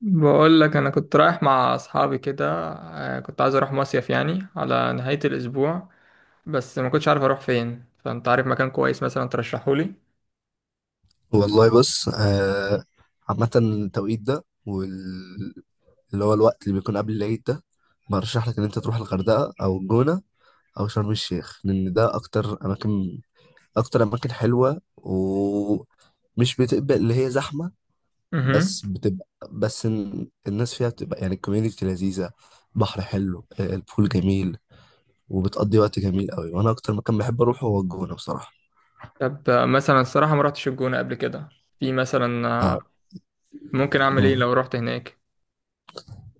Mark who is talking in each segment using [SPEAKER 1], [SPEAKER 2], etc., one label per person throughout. [SPEAKER 1] بقول لك انا كنت رايح مع اصحابي كده. كنت عايز اروح مصيف يعني على نهاية الاسبوع. بس ما كنتش عارف اروح فين، فانت عارف مكان كويس مثلا ترشحه لي؟
[SPEAKER 2] والله بص آه، عامة التوقيت ده اللي هو الوقت اللي بيكون قبل العيد ده. برشح لك إن أنت تروح الغردقة أو الجونة أو شرم الشيخ، لأن ده أكتر أماكن، أكتر أماكن حلوة ومش بتبقى اللي هي زحمة.
[SPEAKER 1] امم.
[SPEAKER 2] بس بتبقى بس إن- الناس فيها بتبقى يعني الكوميونيتي لذيذة، بحر حلو آه، البول جميل، وبتقضي وقت جميل قوي. وأنا أكتر مكان بحب أروحه هو الجونة بصراحة.
[SPEAKER 1] طب مثلا الصراحة ما رحتش الجونة قبل كده، في مثلا ممكن اعمل ايه
[SPEAKER 2] نعم.
[SPEAKER 1] لو رحت هناك؟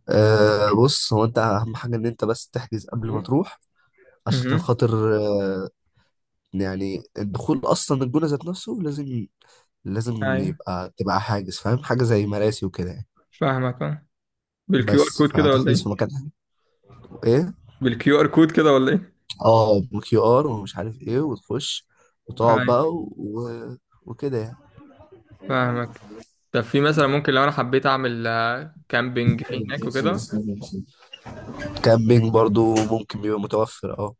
[SPEAKER 2] أه بص، هو انت اهم حاجه ان انت بس تحجز قبل ما تروح، عشان
[SPEAKER 1] امم.
[SPEAKER 2] خاطر يعني الدخول اصلا الجونه ذات نفسه لازم. لازم
[SPEAKER 1] ايوه،
[SPEAKER 2] تبقى حاجز، فاهم، حاجه زي مراسي وكده يعني.
[SPEAKER 1] فاهمك آه. بالكيو ار
[SPEAKER 2] بس
[SPEAKER 1] كود كده ولا
[SPEAKER 2] فهتحجز في
[SPEAKER 1] ايه؟
[SPEAKER 2] مكان ايه.
[SPEAKER 1] بالكيو ار كود كده ولا ايه؟
[SPEAKER 2] اه بكيو ار ومش عارف ايه وتخش وتقعد
[SPEAKER 1] ايوه،
[SPEAKER 2] بقى وكده يعني.
[SPEAKER 1] فاهمك. طب في مثلا، ممكن لو انا حبيت اعمل كامبينج في هناك وكده؟
[SPEAKER 2] كامبينج برضو ممكن، بيبقى متوفر اه.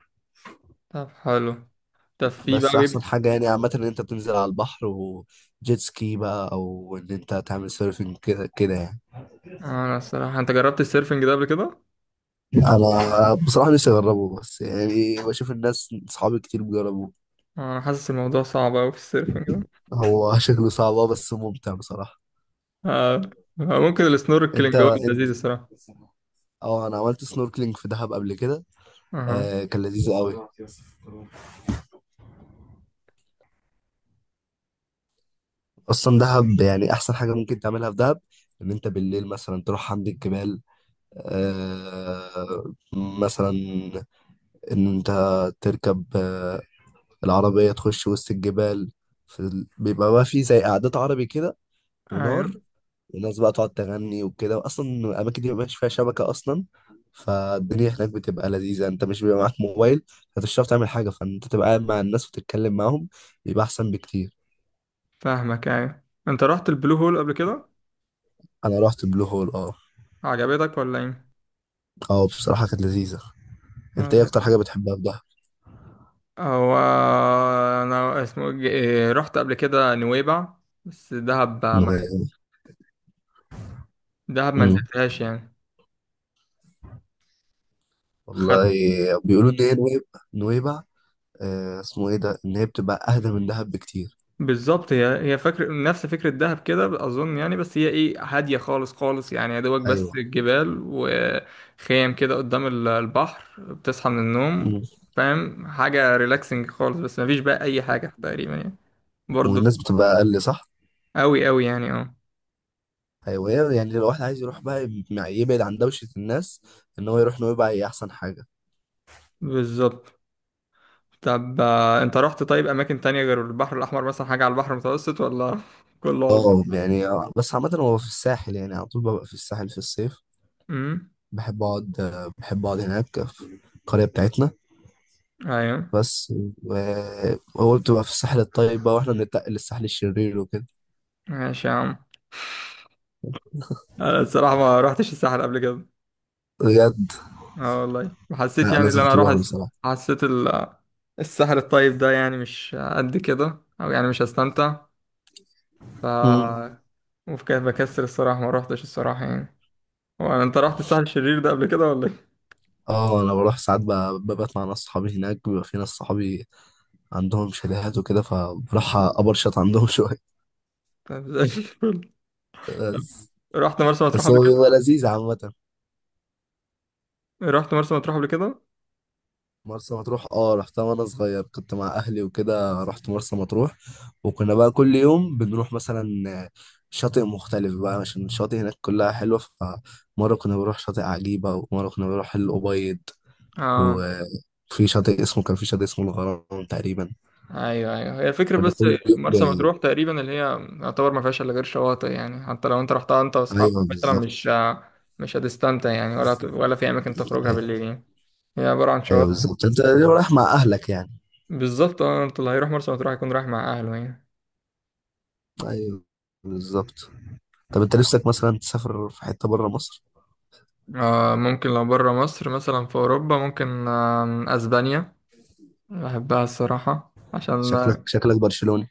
[SPEAKER 1] طب حلو. طب في
[SPEAKER 2] بس
[SPEAKER 1] بقى
[SPEAKER 2] احسن
[SPEAKER 1] بيبقى.
[SPEAKER 2] حاجه يعني عامه ان انت تنزل على البحر وجيت سكي بقى، او ان انت تعمل سيرفنج كده كده يعني.
[SPEAKER 1] انا الصراحه، انت جربت السيرفنج ده قبل كده؟
[SPEAKER 2] انا بصراحه نفسي اجربه، بس يعني بشوف الناس صحابي كتير بيجربوه.
[SPEAKER 1] انا حاسس الموضوع صعب قوي في السيرفنج ده.
[SPEAKER 2] هو شكله صعب آه، بس ممتع بصراحه.
[SPEAKER 1] آه. ممكن
[SPEAKER 2] انت
[SPEAKER 1] السنوركلينج هو اللي
[SPEAKER 2] انت
[SPEAKER 1] لذيذ الصراحه.
[SPEAKER 2] اه انا عملت سنوركلينج في دهب قبل كده.
[SPEAKER 1] اها.
[SPEAKER 2] آه كان لذيذ قوي. اصلا دهب يعني احسن حاجه ممكن تعملها في دهب ان انت بالليل مثلا تروح عند الجبال. آه مثلا ان انت تركب آه، العربية، تخش وسط الجبال. بيبقى بقى في زي قعدات عربي كده، ونار،
[SPEAKER 1] ايوه،
[SPEAKER 2] وناس بقى تقعد تغني وكده. واصلا الاماكن دي مبيبقاش فيها شبكة اصلا، فالدنيا هناك بتبقى لذيذة. انت مش بيبقى معاك موبايل، فمش هتعرف تعمل حاجة، فانت تبقى قاعد مع الناس وتتكلم معاهم. بيبقى احسن بكتير.
[SPEAKER 1] فاهمك. ايوه، انت رحت البلو هول قبل كده؟
[SPEAKER 2] انا رحت بلو هول اه.
[SPEAKER 1] عجبتك ولا ايه؟
[SPEAKER 2] اه بصراحة كانت لذيذة. انت ايه
[SPEAKER 1] آه،
[SPEAKER 2] اكتر حاجة بتحبها في دهب؟
[SPEAKER 1] هو انا اسمه إيه، رحت قبل كده نويبع. بس دهب ما.
[SPEAKER 2] نويبع.
[SPEAKER 1] دهب ما
[SPEAKER 2] امم،
[SPEAKER 1] نزلتهاش يعني.
[SPEAKER 2] والله بيقولوا ان هي نويبع. نويبع آه اسمه ايه ده، ان هي بتبقى اهدى من دهب بكتير.
[SPEAKER 1] بالظبط، هي فكر نفس فكرة دهب كده أظن يعني، بس هي إيه، هادية خالص خالص يعني، يا دوبك
[SPEAKER 2] ايوه.
[SPEAKER 1] بس الجبال وخيام كده قدام البحر، بتصحى من النوم.
[SPEAKER 2] مم.
[SPEAKER 1] فاهم، حاجة ريلاكسنج خالص، بس مفيش بقى أي حاجة تقريبا يعني. برضو.
[SPEAKER 2] والناس بتبقى اقل صح.
[SPEAKER 1] أوي أوي يعني، أه.
[SPEAKER 2] ايوه، هي يعني لو واحد عايز يروح بقى يبعد عن دوشه الناس، ان هو يروح نويبع هي احسن حاجه.
[SPEAKER 1] بالظبط. طب أنت رحت طيب أماكن تانية غير البحر الأحمر، مثلا حاجة على البحر المتوسط، ولا كله على
[SPEAKER 2] اه
[SPEAKER 1] البحر؟
[SPEAKER 2] يعني آه، بس عامه هو في الساحل، يعني على طول ببقى في الساحل في الصيف.
[SPEAKER 1] أمم.
[SPEAKER 2] بحب اقعد آه، بحب اقعد هناك في القريه بتاعتنا.
[SPEAKER 1] أيوه.
[SPEAKER 2] بس هو بتبقى في الساحل الطيب بقى، واحنا بنتنقل للساحل الشرير وكده.
[SPEAKER 1] ماشي يا عم. أنا الصراحة ما رحتش الساحل قبل كده.
[SPEAKER 2] بجد؟
[SPEAKER 1] اه، والله، وحسيت
[SPEAKER 2] لا
[SPEAKER 1] يعني ان
[SPEAKER 2] لازم
[SPEAKER 1] انا اروح
[SPEAKER 2] تروحها بصراحه.
[SPEAKER 1] حسيت السحر الطيب ده يعني مش قد كده، او يعني مش هستمتع.
[SPEAKER 2] مم.
[SPEAKER 1] ف بكسر الصراحة ما روحتش الصراحة يعني. هو انت رحت السحر الشرير ده قبل كده ولا ايه؟
[SPEAKER 2] اه انا بروح ساعات ببات مع ناس صحابي هناك، بيبقى في ناس صحابي عندهم شاليهات وكده، فبروح أبرشط عندهم شوية.
[SPEAKER 1] طب زي الفل. طب،
[SPEAKER 2] بس.
[SPEAKER 1] رحت مرسى مطروح
[SPEAKER 2] بس
[SPEAKER 1] قبل
[SPEAKER 2] هو
[SPEAKER 1] كده؟
[SPEAKER 2] بيبقى لذيذ عامة.
[SPEAKER 1] رحت مرسى مطروح قبل كده؟
[SPEAKER 2] مرسى مطروح اه رحتها وانا صغير، كنت مع اهلي وكده رحت مرسى مطروح. وكنا بقى كل يوم بنروح مثلا شاطئ مختلف بقى، عشان الشاطئ هناك كلها حلوة. فمرة كنا بنروح شاطئ عجيبة، ومرة كنا بنروح الأبيض،
[SPEAKER 1] اه.
[SPEAKER 2] وفي شاطئ اسمه، كان في شاطئ اسمه الغرام تقريبا.
[SPEAKER 1] ايوه، ايوه، هي الفكرة
[SPEAKER 2] كنا
[SPEAKER 1] بس.
[SPEAKER 2] كل
[SPEAKER 1] مرسى
[SPEAKER 2] يوم ب...
[SPEAKER 1] مطروح تقريبا اللي هي يعتبر ما فيهاش الا غير شواطئ يعني، حتى لو انت رحتها انت واصحابك
[SPEAKER 2] ايوه
[SPEAKER 1] مثلا، مش
[SPEAKER 2] بالظبط.
[SPEAKER 1] مش هتستمتع يعني، ولا في اماكن تخرجها
[SPEAKER 2] ايوه.
[SPEAKER 1] بالليل يعني. هي عبارة عن
[SPEAKER 2] أيوة
[SPEAKER 1] شواطئ.
[SPEAKER 2] بالظبط، انت رايح مع اهلك يعني.
[SPEAKER 1] بالظبط، اه، انت اللي هيروح مرسى مطروح هيكون رايح مع أهله يعني.
[SPEAKER 2] ايوه بالظبط. طب انت نفسك مثلا تسافر في حته بره مصر؟
[SPEAKER 1] آه، ممكن لو برا مصر، مثلا في أوروبا، ممكن أسبانيا. بحبها الصراحة، عشان
[SPEAKER 2] شكلك شكلك برشلوني.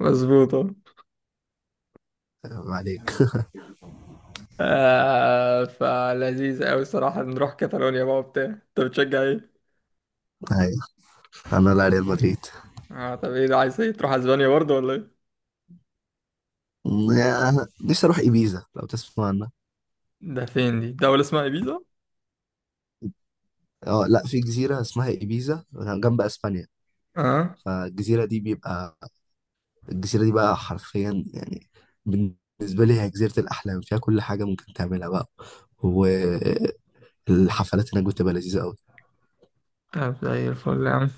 [SPEAKER 1] مظبوطة.
[SPEAKER 2] عيب عليك.
[SPEAKER 1] فلذيذ أوي الصراحة، نروح كاتالونيا بقى وبتاع، أنت بتشجع إيه؟
[SPEAKER 2] ايوه. انا لا، ريال مدريد.
[SPEAKER 1] طب إيه ده، عايز إيه تروح أسبانيا برضه ولا إيه؟
[SPEAKER 2] نفسي اروح ايبيزا لو تسمع عنها.
[SPEAKER 1] ده فين دي؟ دولة اسمها إيبيزا؟
[SPEAKER 2] اه، لا، في جزيره اسمها ايبيزا جنب اسبانيا.
[SPEAKER 1] اه.
[SPEAKER 2] فالجزيره دي بيبقى الجزيره دي بقى حرفيا يعني بالنسبه لي هي جزيره الاحلام، فيها كل حاجه ممكن تعملها بقى، والحفلات هناك بتبقى لذيذه قوي.
[SPEAKER 1] طب زي الفل يا عم.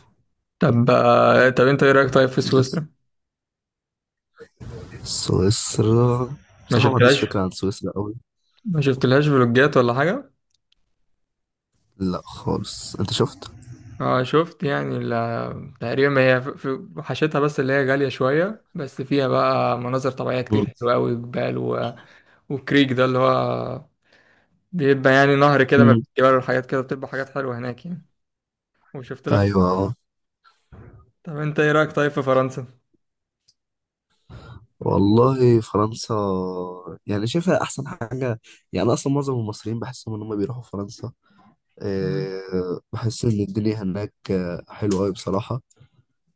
[SPEAKER 1] طب طب أنت إيه رأيك طيب في سويسرا؟
[SPEAKER 2] سويسرا؟
[SPEAKER 1] ما
[SPEAKER 2] بصراحه ما عنديش
[SPEAKER 1] شفتلهاش.
[SPEAKER 2] فكره عن سويسرا قوي.
[SPEAKER 1] ما شفتلهاش فلوجات ولا حاجة؟
[SPEAKER 2] لا خالص. انت شفت؟
[SPEAKER 1] اه، شفت يعني، تقريبا هي في، في حشتها بس اللي هي غالية شوية، بس فيها بقى مناظر طبيعية كتير حلوة أوي، جبال و... وكريك ده اللي هو بيبقى يعني نهر كده ما
[SPEAKER 2] مم.
[SPEAKER 1] بين الجبال، والحاجات كده بتبقى حاجات حلوة هناك يعني. وشفت لها في...
[SPEAKER 2] ايوه اه.
[SPEAKER 1] طب انت ايه رأيك طيب في فرنسا؟
[SPEAKER 2] والله فرنسا يعني شايفها احسن حاجه. يعني أنا اصلا معظم المصريين بحسهم ان هم بيروحوا فرنسا.
[SPEAKER 1] مم.
[SPEAKER 2] أه بحس ان الدنيا هناك آه، حلوه قوي بصراحه.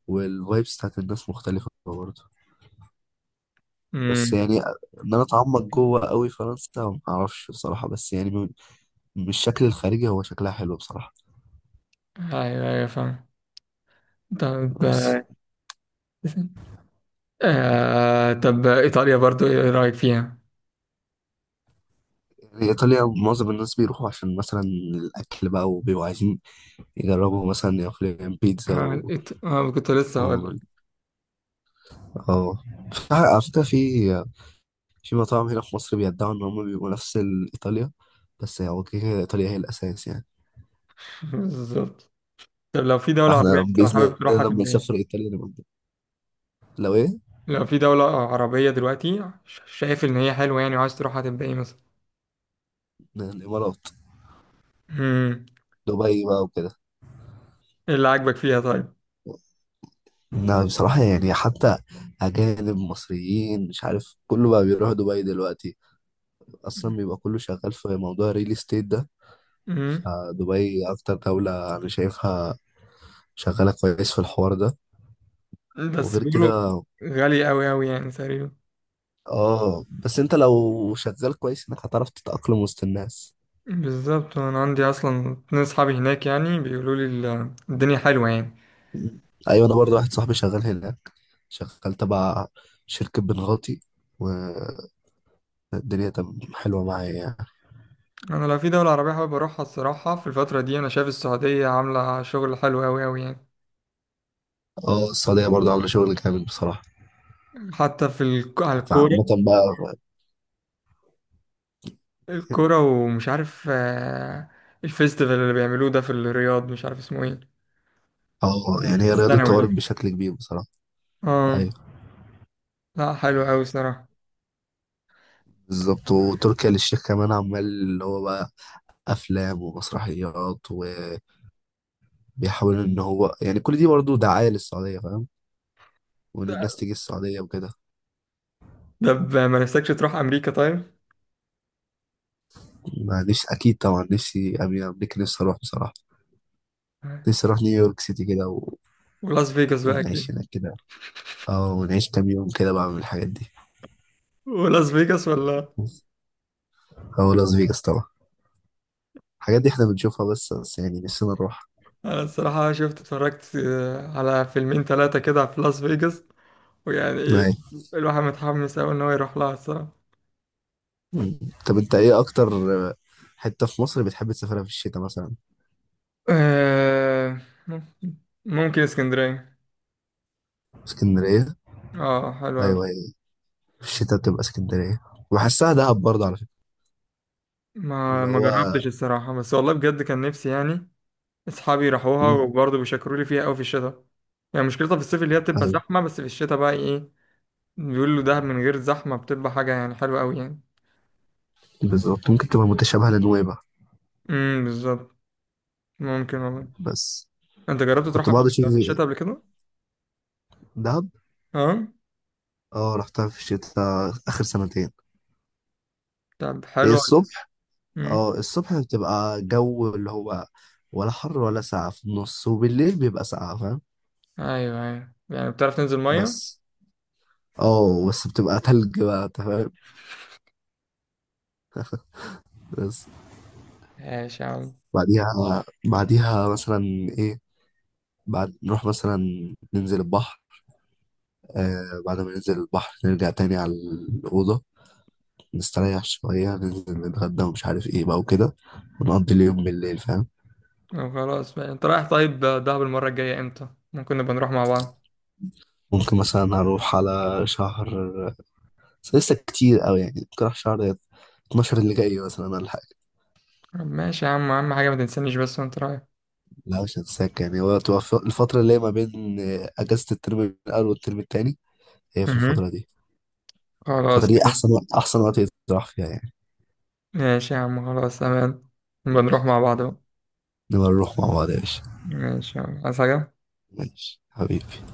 [SPEAKER 2] والفايبس بتاعت الناس مختلفه برضه. بس
[SPEAKER 1] امم.
[SPEAKER 2] يعني ان انا اتعمق جوه قوي فرنسا ما اعرفش بصراحه، بس يعني من الشكل الخارجي هو شكلها حلو بصراحه.
[SPEAKER 1] ايوه، ايوه، فاهم. طب
[SPEAKER 2] بس
[SPEAKER 1] طب ايطاليا برضو ايه رأيك فيها؟
[SPEAKER 2] يعني ايطاليا معظم الناس بيروحوا عشان مثلا الاكل بقى، وبيبقوا عايزين يجربوا مثلا ياكلوا بيتزا
[SPEAKER 1] اه, كنت لسه هقول لك.
[SPEAKER 2] اه. على فكرة في في مطاعم هنا في مصر بيدعوا إن هم بيبقوا نفس إيطاليا، بس هو كده كده إيطاليا هي الأساس يعني.
[SPEAKER 1] بالظبط. طب لو في دولة عربية انت
[SPEAKER 2] بإذن
[SPEAKER 1] حابب تروحها
[SPEAKER 2] الله لما
[SPEAKER 1] تبقى
[SPEAKER 2] نسافر
[SPEAKER 1] ايه؟
[SPEAKER 2] إيطاليا نبقى نجيب. لو إيه؟
[SPEAKER 1] لو في دولة عربية دلوقتي، شايف إن هي حلوة يعني، وعايز تروح هتبقى إيه مثلا؟
[SPEAKER 2] الإمارات،
[SPEAKER 1] مم.
[SPEAKER 2] دبي بقى وكده.
[SPEAKER 1] إيه اللي عاجبك فيها طيب؟
[SPEAKER 2] لا بصراحة يعني حتى أجانب، مصريين، مش عارف، كله بقى بيروح دبي دلوقتي. أصلا بيبقى كله شغال في موضوع الريل استيت ده.
[SPEAKER 1] مم.
[SPEAKER 2] فدبي أكتر دولة أنا شايفها شغالة كويس في الحوار ده.
[SPEAKER 1] بس
[SPEAKER 2] وغير
[SPEAKER 1] بيقولوا
[SPEAKER 2] كده
[SPEAKER 1] غالية أوي أوي يعني تقريبا.
[SPEAKER 2] اه، بس انت لو شغال كويس انك هتعرف تتأقلم وسط الناس.
[SPEAKER 1] بالظبط، أنا عندي أصلا اتنين صحابي هناك، يعني بيقولوا لي الدنيا حلوة يعني.
[SPEAKER 2] ايوه، انا برضه واحد صاحبي شغال هناك، شغال تبع شركة بنغاتي، والدنيا تم حلوة معايا يعني.
[SPEAKER 1] أنا لو في دولة عربية حابب أروحها الصراحة، في الفترة دي أنا شايف السعودية عاملة شغل حلو أوي أوي يعني.
[SPEAKER 2] اه السعودية برضه عاملة شغل جامد بصراحة.
[SPEAKER 1] حتى في على الكورة،
[SPEAKER 2] فعامة بقى
[SPEAKER 1] الكورة، ومش عارف الفيستيفال اللي بيعملوه ده في الرياض مش عارف اسمه إيه.
[SPEAKER 2] اه، يعني هي الرياضة
[SPEAKER 1] الثانوي
[SPEAKER 2] اتطورت
[SPEAKER 1] ده.
[SPEAKER 2] بشكل كبير بصراحة.
[SPEAKER 1] اه.
[SPEAKER 2] ايوه
[SPEAKER 1] لا، حلو قوي صراحة.
[SPEAKER 2] بالظبط. وتركيا للشيخ كمان عمال اللي هو بقى افلام ومسرحيات، وبيحاول ان هو يعني كل دي برضه دعاية للسعودية، فاهم، وان الناس تيجي السعودية وكده.
[SPEAKER 1] طب ما نفسكش تروح امريكا طيب؟
[SPEAKER 2] ما نفسي أكيد طبعا، نفسي أمين أمريكا، نفسي أروح بصراحة. نفسي أروح نيويورك سيتي كده
[SPEAKER 1] ولاس فيجاس بقى
[SPEAKER 2] ونعيش
[SPEAKER 1] اكيد.
[SPEAKER 2] هناك كده. أه ونعيش كام يوم كده بعمل الحاجات دي.
[SPEAKER 1] ولاس فيجاس ولا.
[SPEAKER 2] أو لاس فيجاس طبعا. الحاجات دي إحنا بنشوفها بس، يعني نفسنا نروح.
[SPEAKER 1] انا الصراحة شفت، اتفرجت على فيلمين ثلاثة كده في لاس فيجاس، ويعني
[SPEAKER 2] أيوة.
[SPEAKER 1] الواحد متحمس قوي ان هو يروح لها الصراحة.
[SPEAKER 2] مم. طب أنت إيه أكتر آه، حتة في مصر بتحب تسافرها في الشتاء مثلا؟
[SPEAKER 1] آه، ممكن اسكندرية.
[SPEAKER 2] اسكندرية؟
[SPEAKER 1] اه، حلو
[SPEAKER 2] أيوة
[SPEAKER 1] أوي.
[SPEAKER 2] أيوة، في الشتاء بتبقى اسكندرية. وبحسها دهب برضه على فكرة،
[SPEAKER 1] ما
[SPEAKER 2] اللي
[SPEAKER 1] ما
[SPEAKER 2] هو.
[SPEAKER 1] جربتش الصراحة، بس والله بجد كان نفسي يعني. اصحابي راحوها
[SPEAKER 2] مم.
[SPEAKER 1] وبرضه بيشكروا لي فيها قوي في الشتاء. يعني مشكلتها في الصيف اللي هي بتبقى
[SPEAKER 2] أيوة
[SPEAKER 1] زحمة، بس في الشتاء بقى ايه، بيقول له دهب من غير زحمة، بتبقى حاجة يعني حلوة أوي يعني.
[SPEAKER 2] بالظبط، ممكن تبقى متشابهة لنويبع.
[SPEAKER 1] امم، بالظبط. ممكن والله.
[SPEAKER 2] بس
[SPEAKER 1] أنت جربت
[SPEAKER 2] كنت
[SPEAKER 1] تروحها في
[SPEAKER 2] بقعد أشوف
[SPEAKER 1] في الشتاء قبل كده؟
[SPEAKER 2] دهب.
[SPEAKER 1] أه.
[SPEAKER 2] اه رحتها في الشتاء اخر سنتين.
[SPEAKER 1] طب
[SPEAKER 2] هي
[SPEAKER 1] حلوة.
[SPEAKER 2] الصبح،
[SPEAKER 1] امم.
[SPEAKER 2] اه الصبح بتبقى جو اللي هو ولا حر ولا ساقعة في النص، وبالليل بيبقى ساقعة فاهم.
[SPEAKER 1] أيوه، أيوه، يعني بتعرف تنزل مية؟
[SPEAKER 2] بس اه بس بتبقى تلج بقى أنت فاهم. بس
[SPEAKER 1] ماشي يا عم.
[SPEAKER 2] بعديها، بعديها مثلا ايه بعد نروح مثلا ننزل البحر آه. بعد ما ننزل البحر نرجع تاني على الأوضة، نستريح شوية، ننزل نتغدى ومش عارف ايه بقى وكده، ونقضي اليوم بالليل فاهم.
[SPEAKER 1] طب خلاص بقى، أنت رايح طيب دهب المرة الجاية إمتى؟ ممكن نبقى نروح مع بعض.
[SPEAKER 2] ممكن مثلا أروح على شهر، بس لسه كتير قوي يعني. ممكن اروح شهر 12 اللي جاي مثلا ولا حاجه.
[SPEAKER 1] طب ماشي يا عم، أهم حاجة ما تنسانيش بس وأنت رايح.
[SPEAKER 2] لا مش هتساك يعني. هو تبقى الفتره اللي هي ما بين آه، اجازه الترم الاول والترم التاني، هي في الفتره
[SPEAKER 1] امم.
[SPEAKER 2] دي. الفتره
[SPEAKER 1] خلاص
[SPEAKER 2] دي
[SPEAKER 1] ماشي.
[SPEAKER 2] احسن وقت احسن وقت يتراح فيها يعني.
[SPEAKER 1] ماشي يا عم، خلاص تمام. نبقى
[SPEAKER 2] ماشي.
[SPEAKER 1] نروح مع بعض بقى.
[SPEAKER 2] نبقى نروح مع بعض يا باشا.
[SPEAKER 1] ماشي يا عم، عايز حاجة؟
[SPEAKER 2] ماشي حبيبي.